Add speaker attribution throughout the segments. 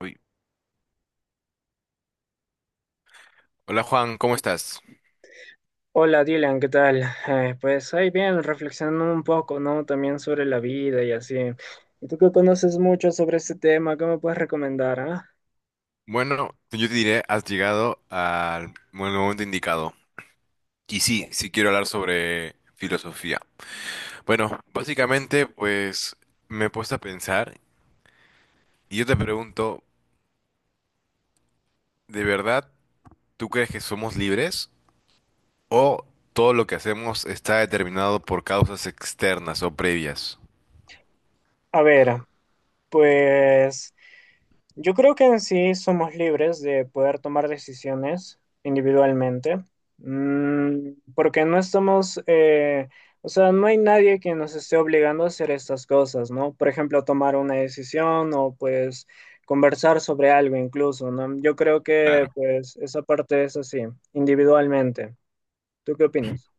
Speaker 1: Uy. Hola Juan, ¿cómo estás?
Speaker 2: Hola Dylan, ¿qué tal? Pues ahí bien, reflexionando un poco, ¿no? También sobre la vida y así. ¿Y tú que conoces mucho sobre este tema? ¿Qué me puedes recomendar, ah?
Speaker 1: Bueno, yo te diré, has llegado al buen momento indicado. Y sí, sí quiero hablar sobre filosofía. Bueno, básicamente, pues me he puesto a pensar y yo te pregunto, ¿de verdad tú crees que somos libres o todo lo que hacemos está determinado por causas externas o previas?
Speaker 2: A ver, pues yo creo que en sí somos libres de poder tomar decisiones individualmente, porque no estamos, o sea, no hay nadie que nos esté obligando a hacer estas cosas, ¿no? Por ejemplo, tomar una decisión o pues conversar sobre algo incluso, ¿no? Yo creo que
Speaker 1: Claro.
Speaker 2: pues esa parte es así, individualmente. ¿Tú qué opinas?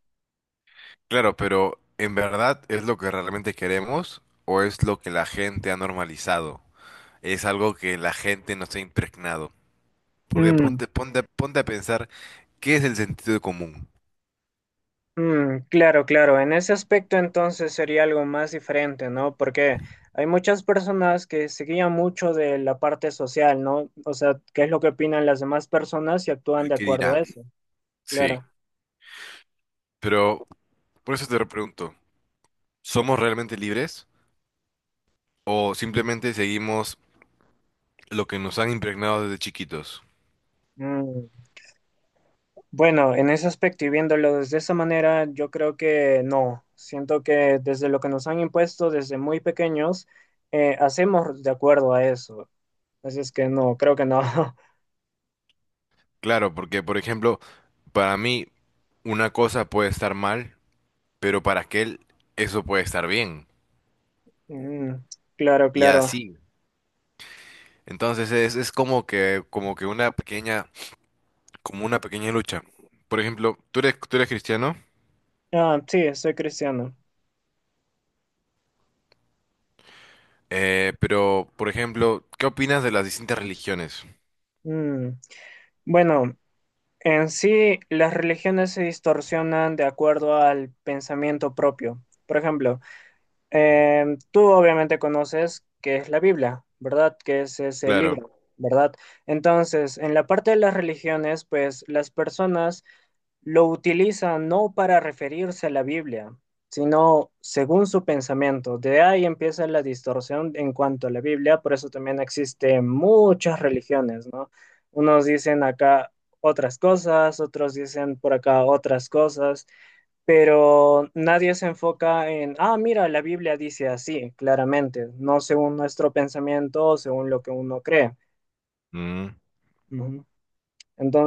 Speaker 1: Claro, pero ¿en verdad es lo que realmente queremos o es lo que la gente ha normalizado? Es algo que la gente no se ha impregnado. Porque
Speaker 2: Mm.
Speaker 1: ponte a pensar qué es el sentido común,
Speaker 2: Mm, claro, claro. En ese aspecto entonces sería algo más diferente, ¿no? Porque hay muchas personas que se guían mucho de la parte social, ¿no? O sea, qué es lo que opinan las demás personas y actúan
Speaker 1: el
Speaker 2: de
Speaker 1: que
Speaker 2: acuerdo a
Speaker 1: dirán.
Speaker 2: eso.
Speaker 1: Sí,
Speaker 2: Claro.
Speaker 1: pero por eso te lo pregunto, ¿somos realmente libres o simplemente seguimos lo que nos han impregnado desde chiquitos?
Speaker 2: Mm, bueno, en ese aspecto y viéndolo desde esa manera, yo creo que no. Siento que desde lo que nos han impuesto desde muy pequeños, hacemos de acuerdo a eso. Así es que no, creo que no.
Speaker 1: Claro, porque por ejemplo, para mí una cosa puede estar mal, pero para aquel eso puede estar bien.
Speaker 2: Mm, claro,
Speaker 1: Y
Speaker 2: claro.
Speaker 1: así. Entonces es como que una pequeña como una pequeña lucha. Por ejemplo, tú eres cristiano,
Speaker 2: Ah, sí, soy cristiano.
Speaker 1: pero, por ejemplo, ¿qué opinas de las distintas religiones?
Speaker 2: Mm, bueno, en sí las religiones se distorsionan de acuerdo al pensamiento propio. Por ejemplo, tú obviamente conoces que es la Biblia, ¿verdad? Que es ese
Speaker 1: Claro.
Speaker 2: libro, ¿verdad? Entonces, en la parte de las religiones, pues las personas lo utiliza no para referirse a la Biblia, sino según su pensamiento. De ahí empieza la distorsión en cuanto a la Biblia, por eso también existen muchas religiones, ¿no? Unos dicen acá otras cosas, otros dicen por acá otras cosas, pero nadie se enfoca en, ah, mira, la Biblia dice así, claramente, no según nuestro pensamiento, o según lo que uno cree.
Speaker 1: Mm.
Speaker 2: Ujú.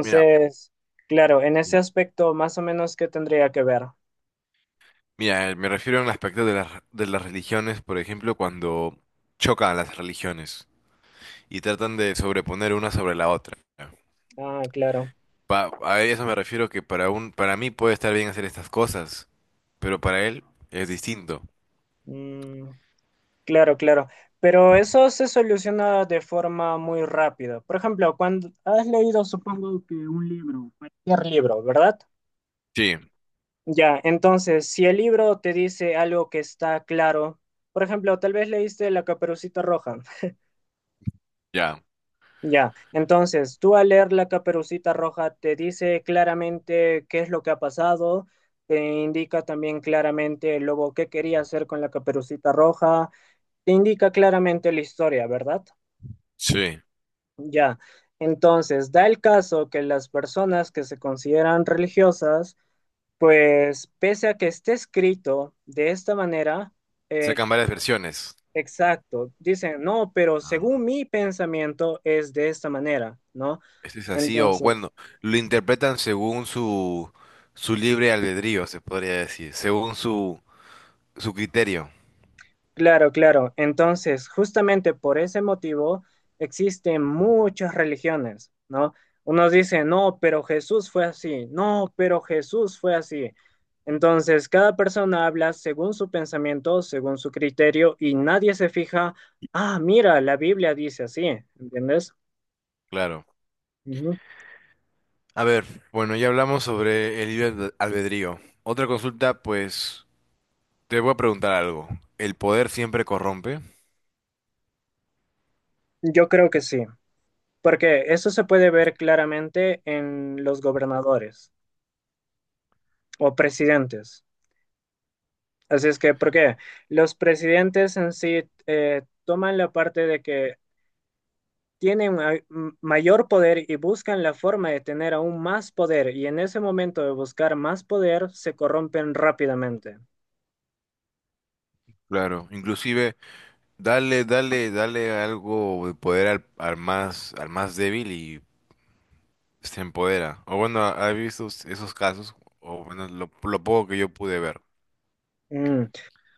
Speaker 1: Mira,
Speaker 2: claro, en ese aspecto, más o menos, ¿qué tendría que ver?
Speaker 1: mira, me refiero al aspecto de las religiones, por ejemplo, cuando chocan las religiones y tratan de sobreponer una sobre la otra.
Speaker 2: Ah, claro.
Speaker 1: A eso me refiero que para para mí puede estar bien hacer estas cosas, pero para él es distinto.
Speaker 2: Mm, claro, claro. Pero eso se soluciona de forma muy rápida. Por ejemplo, cuando has leído, supongo que un libro, cualquier libro, ¿verdad?
Speaker 1: Sí,
Speaker 2: Ya, entonces, si el libro te dice algo que está claro, por ejemplo, tal vez leíste La Caperucita Roja.
Speaker 1: ya,
Speaker 2: Ya, entonces, tú al leer La Caperucita Roja te dice claramente qué es lo que ha pasado, te indica también claramente el lobo qué quería hacer con la Caperucita Roja. Te indica claramente la historia, ¿verdad?
Speaker 1: sí.
Speaker 2: Ya. Entonces, da el caso que las personas que se consideran religiosas, pues pese a que esté escrito de esta manera, eh,
Speaker 1: Sacan varias versiones.
Speaker 2: exacto, dicen, no, pero
Speaker 1: Ah.
Speaker 2: según mi pensamiento es de esta manera, ¿no?
Speaker 1: Este es así, o
Speaker 2: Entonces,
Speaker 1: bueno, lo interpretan según su libre albedrío, se podría decir, según su criterio,
Speaker 2: claro, claro. Entonces, justamente por ese motivo existen muchas religiones, ¿no? Unos dicen, no, pero Jesús fue así, no, pero Jesús fue así. Entonces, cada persona habla según su pensamiento, según su criterio, y nadie se fija, ah, mira, la Biblia dice así, ¿entiendes?
Speaker 1: claro.
Speaker 2: Ujú.
Speaker 1: A ver, bueno, ya hablamos sobre el libre albedrío. Otra consulta, pues, te voy a preguntar algo. ¿El poder siempre corrompe?
Speaker 2: Yo creo que sí, porque eso se puede ver claramente en los gobernadores o presidentes. Así es que, porque los presidentes en sí toman la parte de que tienen mayor poder y buscan la forma de tener aún más poder, y en ese momento de buscar más poder se corrompen rápidamente.
Speaker 1: Claro, inclusive, dale algo de poder al más débil y se empodera. O bueno, ¿has visto esos casos? O bueno, lo poco que yo pude ver.
Speaker 2: Mm.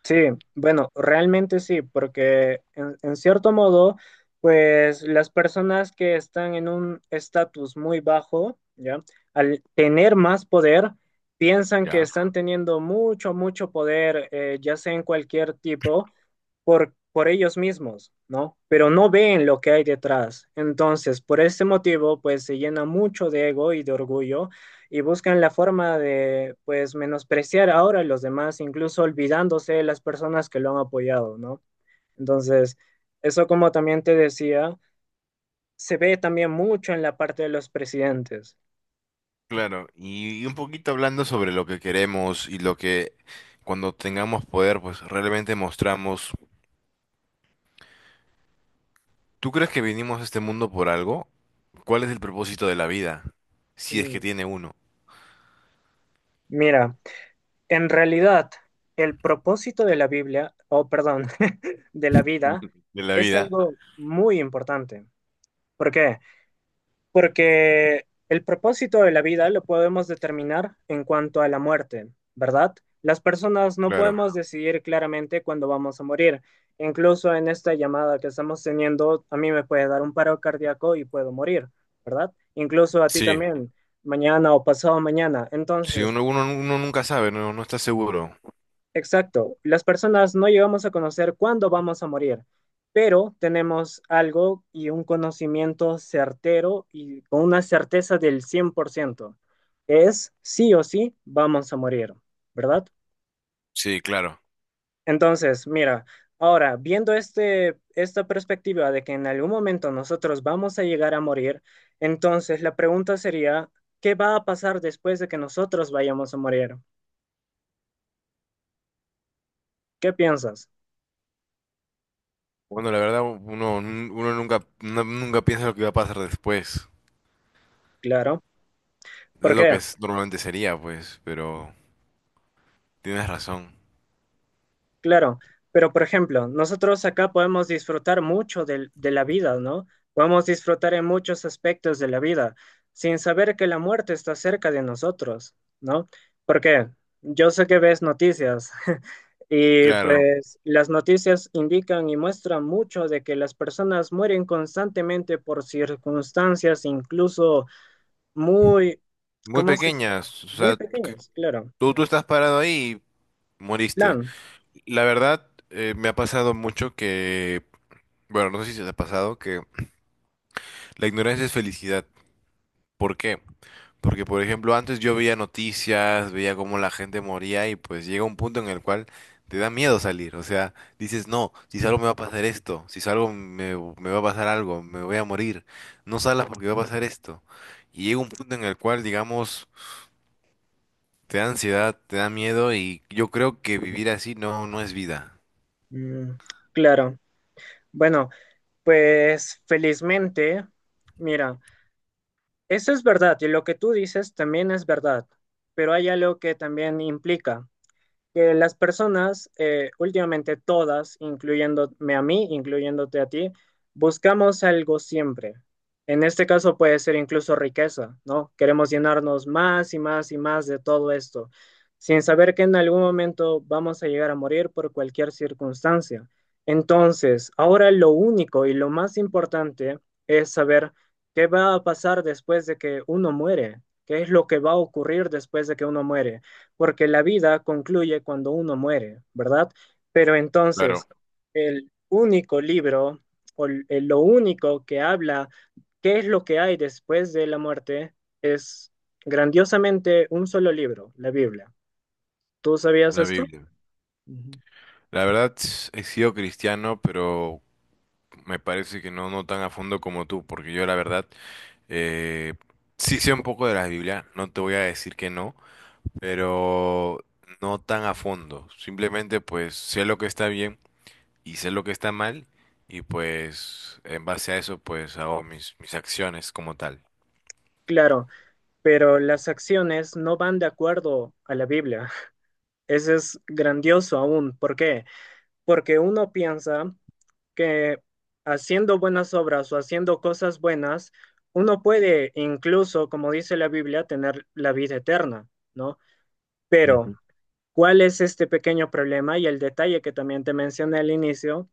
Speaker 2: Sí, bueno, realmente sí, porque en cierto modo, pues las personas que están en un estatus muy bajo, ¿ya? Al tener más poder, piensan que
Speaker 1: ¿Ya?
Speaker 2: están teniendo mucho, mucho poder, ya sea en cualquier tipo, por ellos mismos, ¿no? Pero no ven lo que hay detrás. Entonces, por ese motivo, pues se llena mucho de ego y de orgullo y buscan la forma de, pues, menospreciar ahora a los demás, incluso olvidándose de las personas que lo han apoyado, ¿no? Entonces, eso como también te decía, se ve también mucho en la parte de los presidentes.
Speaker 1: Claro, y un poquito hablando sobre lo que queremos y lo que cuando tengamos poder, pues realmente mostramos. ¿Tú crees que vinimos a este mundo por algo? ¿Cuál es el propósito de la vida? Si es que
Speaker 2: Mm,
Speaker 1: tiene uno.
Speaker 2: mira, en realidad, el propósito de la Biblia, o perdón, de la vida,
Speaker 1: De la
Speaker 2: es
Speaker 1: vida,
Speaker 2: algo muy importante. ¿Por qué? Porque el propósito de la vida lo podemos determinar en cuanto a la muerte, ¿verdad? Las personas no
Speaker 1: claro.
Speaker 2: podemos decidir claramente cuándo vamos a morir. Incluso en esta llamada que estamos teniendo, a mí me puede dar un paro cardíaco y puedo morir, ¿verdad? Incluso a ti
Speaker 1: Sí,
Speaker 2: también, mañana o pasado mañana.
Speaker 1: sí,
Speaker 2: Entonces,
Speaker 1: uno nunca sabe, no, no está seguro.
Speaker 2: exacto, las personas no llegamos a conocer cuándo vamos a morir, pero tenemos algo y un conocimiento certero y con una certeza del 100%. Es sí o sí vamos a morir, ¿verdad?
Speaker 1: Sí, claro.
Speaker 2: Entonces, mira, ahora viendo este, esta perspectiva de que en algún momento nosotros vamos a llegar a morir, entonces la pregunta sería, ¿qué va a pasar después de que nosotros vayamos a morir? ¿Qué piensas?
Speaker 1: Bueno, la verdad, uno nunca, nunca piensa lo que va a pasar después.
Speaker 2: Claro.
Speaker 1: Es
Speaker 2: ¿Por
Speaker 1: lo que
Speaker 2: qué?
Speaker 1: normalmente sería, pues, pero tienes razón.
Speaker 2: Claro, pero por ejemplo, nosotros acá podemos disfrutar mucho de la vida, ¿no? Podemos disfrutar en muchos aspectos de la vida sin saber que la muerte está cerca de nosotros, ¿no? Porque yo sé que ves noticias y
Speaker 1: Claro,
Speaker 2: pues las noticias indican y muestran mucho de que las personas mueren constantemente por circunstancias incluso muy,
Speaker 1: muy
Speaker 2: ¿cómo se?
Speaker 1: pequeñas, o
Speaker 2: Muy
Speaker 1: sea,
Speaker 2: pequeñas, claro.
Speaker 1: tú estás parado ahí y moriste.
Speaker 2: Plan,
Speaker 1: La verdad, me ha pasado mucho que, bueno, no sé si te ha pasado, que la ignorancia es felicidad. ¿Por qué? Porque, por ejemplo, antes yo veía noticias, veía cómo la gente moría y pues llega un punto en el cual te da miedo salir. O sea, dices, no, si salgo me va a pasar esto, si salgo me va a pasar algo, me voy a morir, no salas porque va a pasar esto. Y llega un punto en el cual, digamos, te da ansiedad, te da miedo y yo creo que vivir así no, no es vida.
Speaker 2: mm, claro. Bueno. Pues felizmente, mira, eso es verdad y lo que tú dices también es verdad, pero hay algo que también implica que las personas, últimamente todas, incluyéndome a mí, incluyéndote a ti, buscamos algo siempre. En este caso puede ser incluso riqueza, ¿no? Queremos llenarnos más y más y más de todo esto, sin saber que en algún momento vamos a llegar a morir por cualquier circunstancia. Entonces, ahora lo único y lo más importante es saber qué va a pasar después de que uno muere, qué es lo que va a ocurrir después de que uno muere porque la vida concluye cuando uno muere, ¿verdad? Pero entonces,
Speaker 1: Claro,
Speaker 2: el único libro lo único que habla qué es lo que hay después de la muerte es grandiosamente un solo libro, la Biblia. ¿Tú sabías
Speaker 1: la
Speaker 2: esto?
Speaker 1: Biblia.
Speaker 2: Ujú.
Speaker 1: La verdad, he sido cristiano, pero me parece que no, no tan a fondo como tú, porque yo la verdad eh, sí sé un poco de la Biblia, no te voy a decir que no, pero no tan a fondo. Simplemente pues sé lo que está bien y sé lo que está mal y pues en base a eso pues hago mis acciones como tal.
Speaker 2: Claro, pero las acciones no van de acuerdo a la Biblia. Eso es grandioso aún. ¿Por qué? Porque uno piensa que haciendo buenas obras o haciendo cosas buenas, uno puede incluso, como dice la Biblia, tener la vida eterna, ¿no? Pero,
Speaker 1: Ujú.
Speaker 2: ¿cuál es este pequeño problema? Y el detalle que también te mencioné al inicio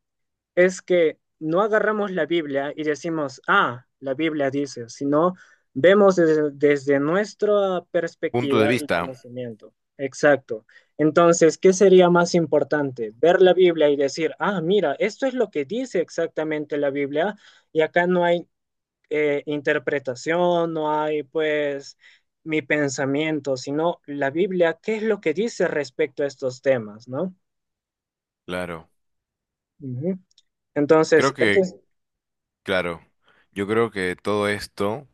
Speaker 2: es que no agarramos la Biblia y decimos, ah, la Biblia dice, sino vemos desde nuestra
Speaker 1: Punto de
Speaker 2: perspectiva y
Speaker 1: vista,
Speaker 2: conocimiento. Exacto. Entonces, ¿qué sería más importante? Ver la Biblia y decir, ah, mira, esto es lo que dice exactamente la Biblia y acá no hay interpretación, no hay pues mi pensamiento, sino la Biblia, ¿qué es lo que dice respecto a estos temas, no?
Speaker 1: claro.
Speaker 2: Ujú. Entonces,
Speaker 1: Creo
Speaker 2: eso
Speaker 1: que,
Speaker 2: es,
Speaker 1: claro, yo creo que todo esto...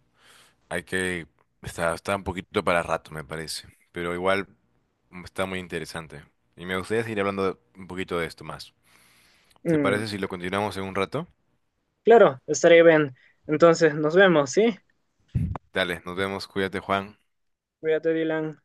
Speaker 1: Hay que... Está un poquito para rato, me parece. Pero igual mm, está muy interesante. Y me gustaría seguir hablando un poquito de esto más. ¿Te
Speaker 2: mm,
Speaker 1: parece si lo continuamos en un rato?
Speaker 2: claro, estaré bien. Entonces, nos vemos, ¿sí?
Speaker 1: Dale, nos vemos. Cuídate, Juan.
Speaker 2: Cuídate, Dylan.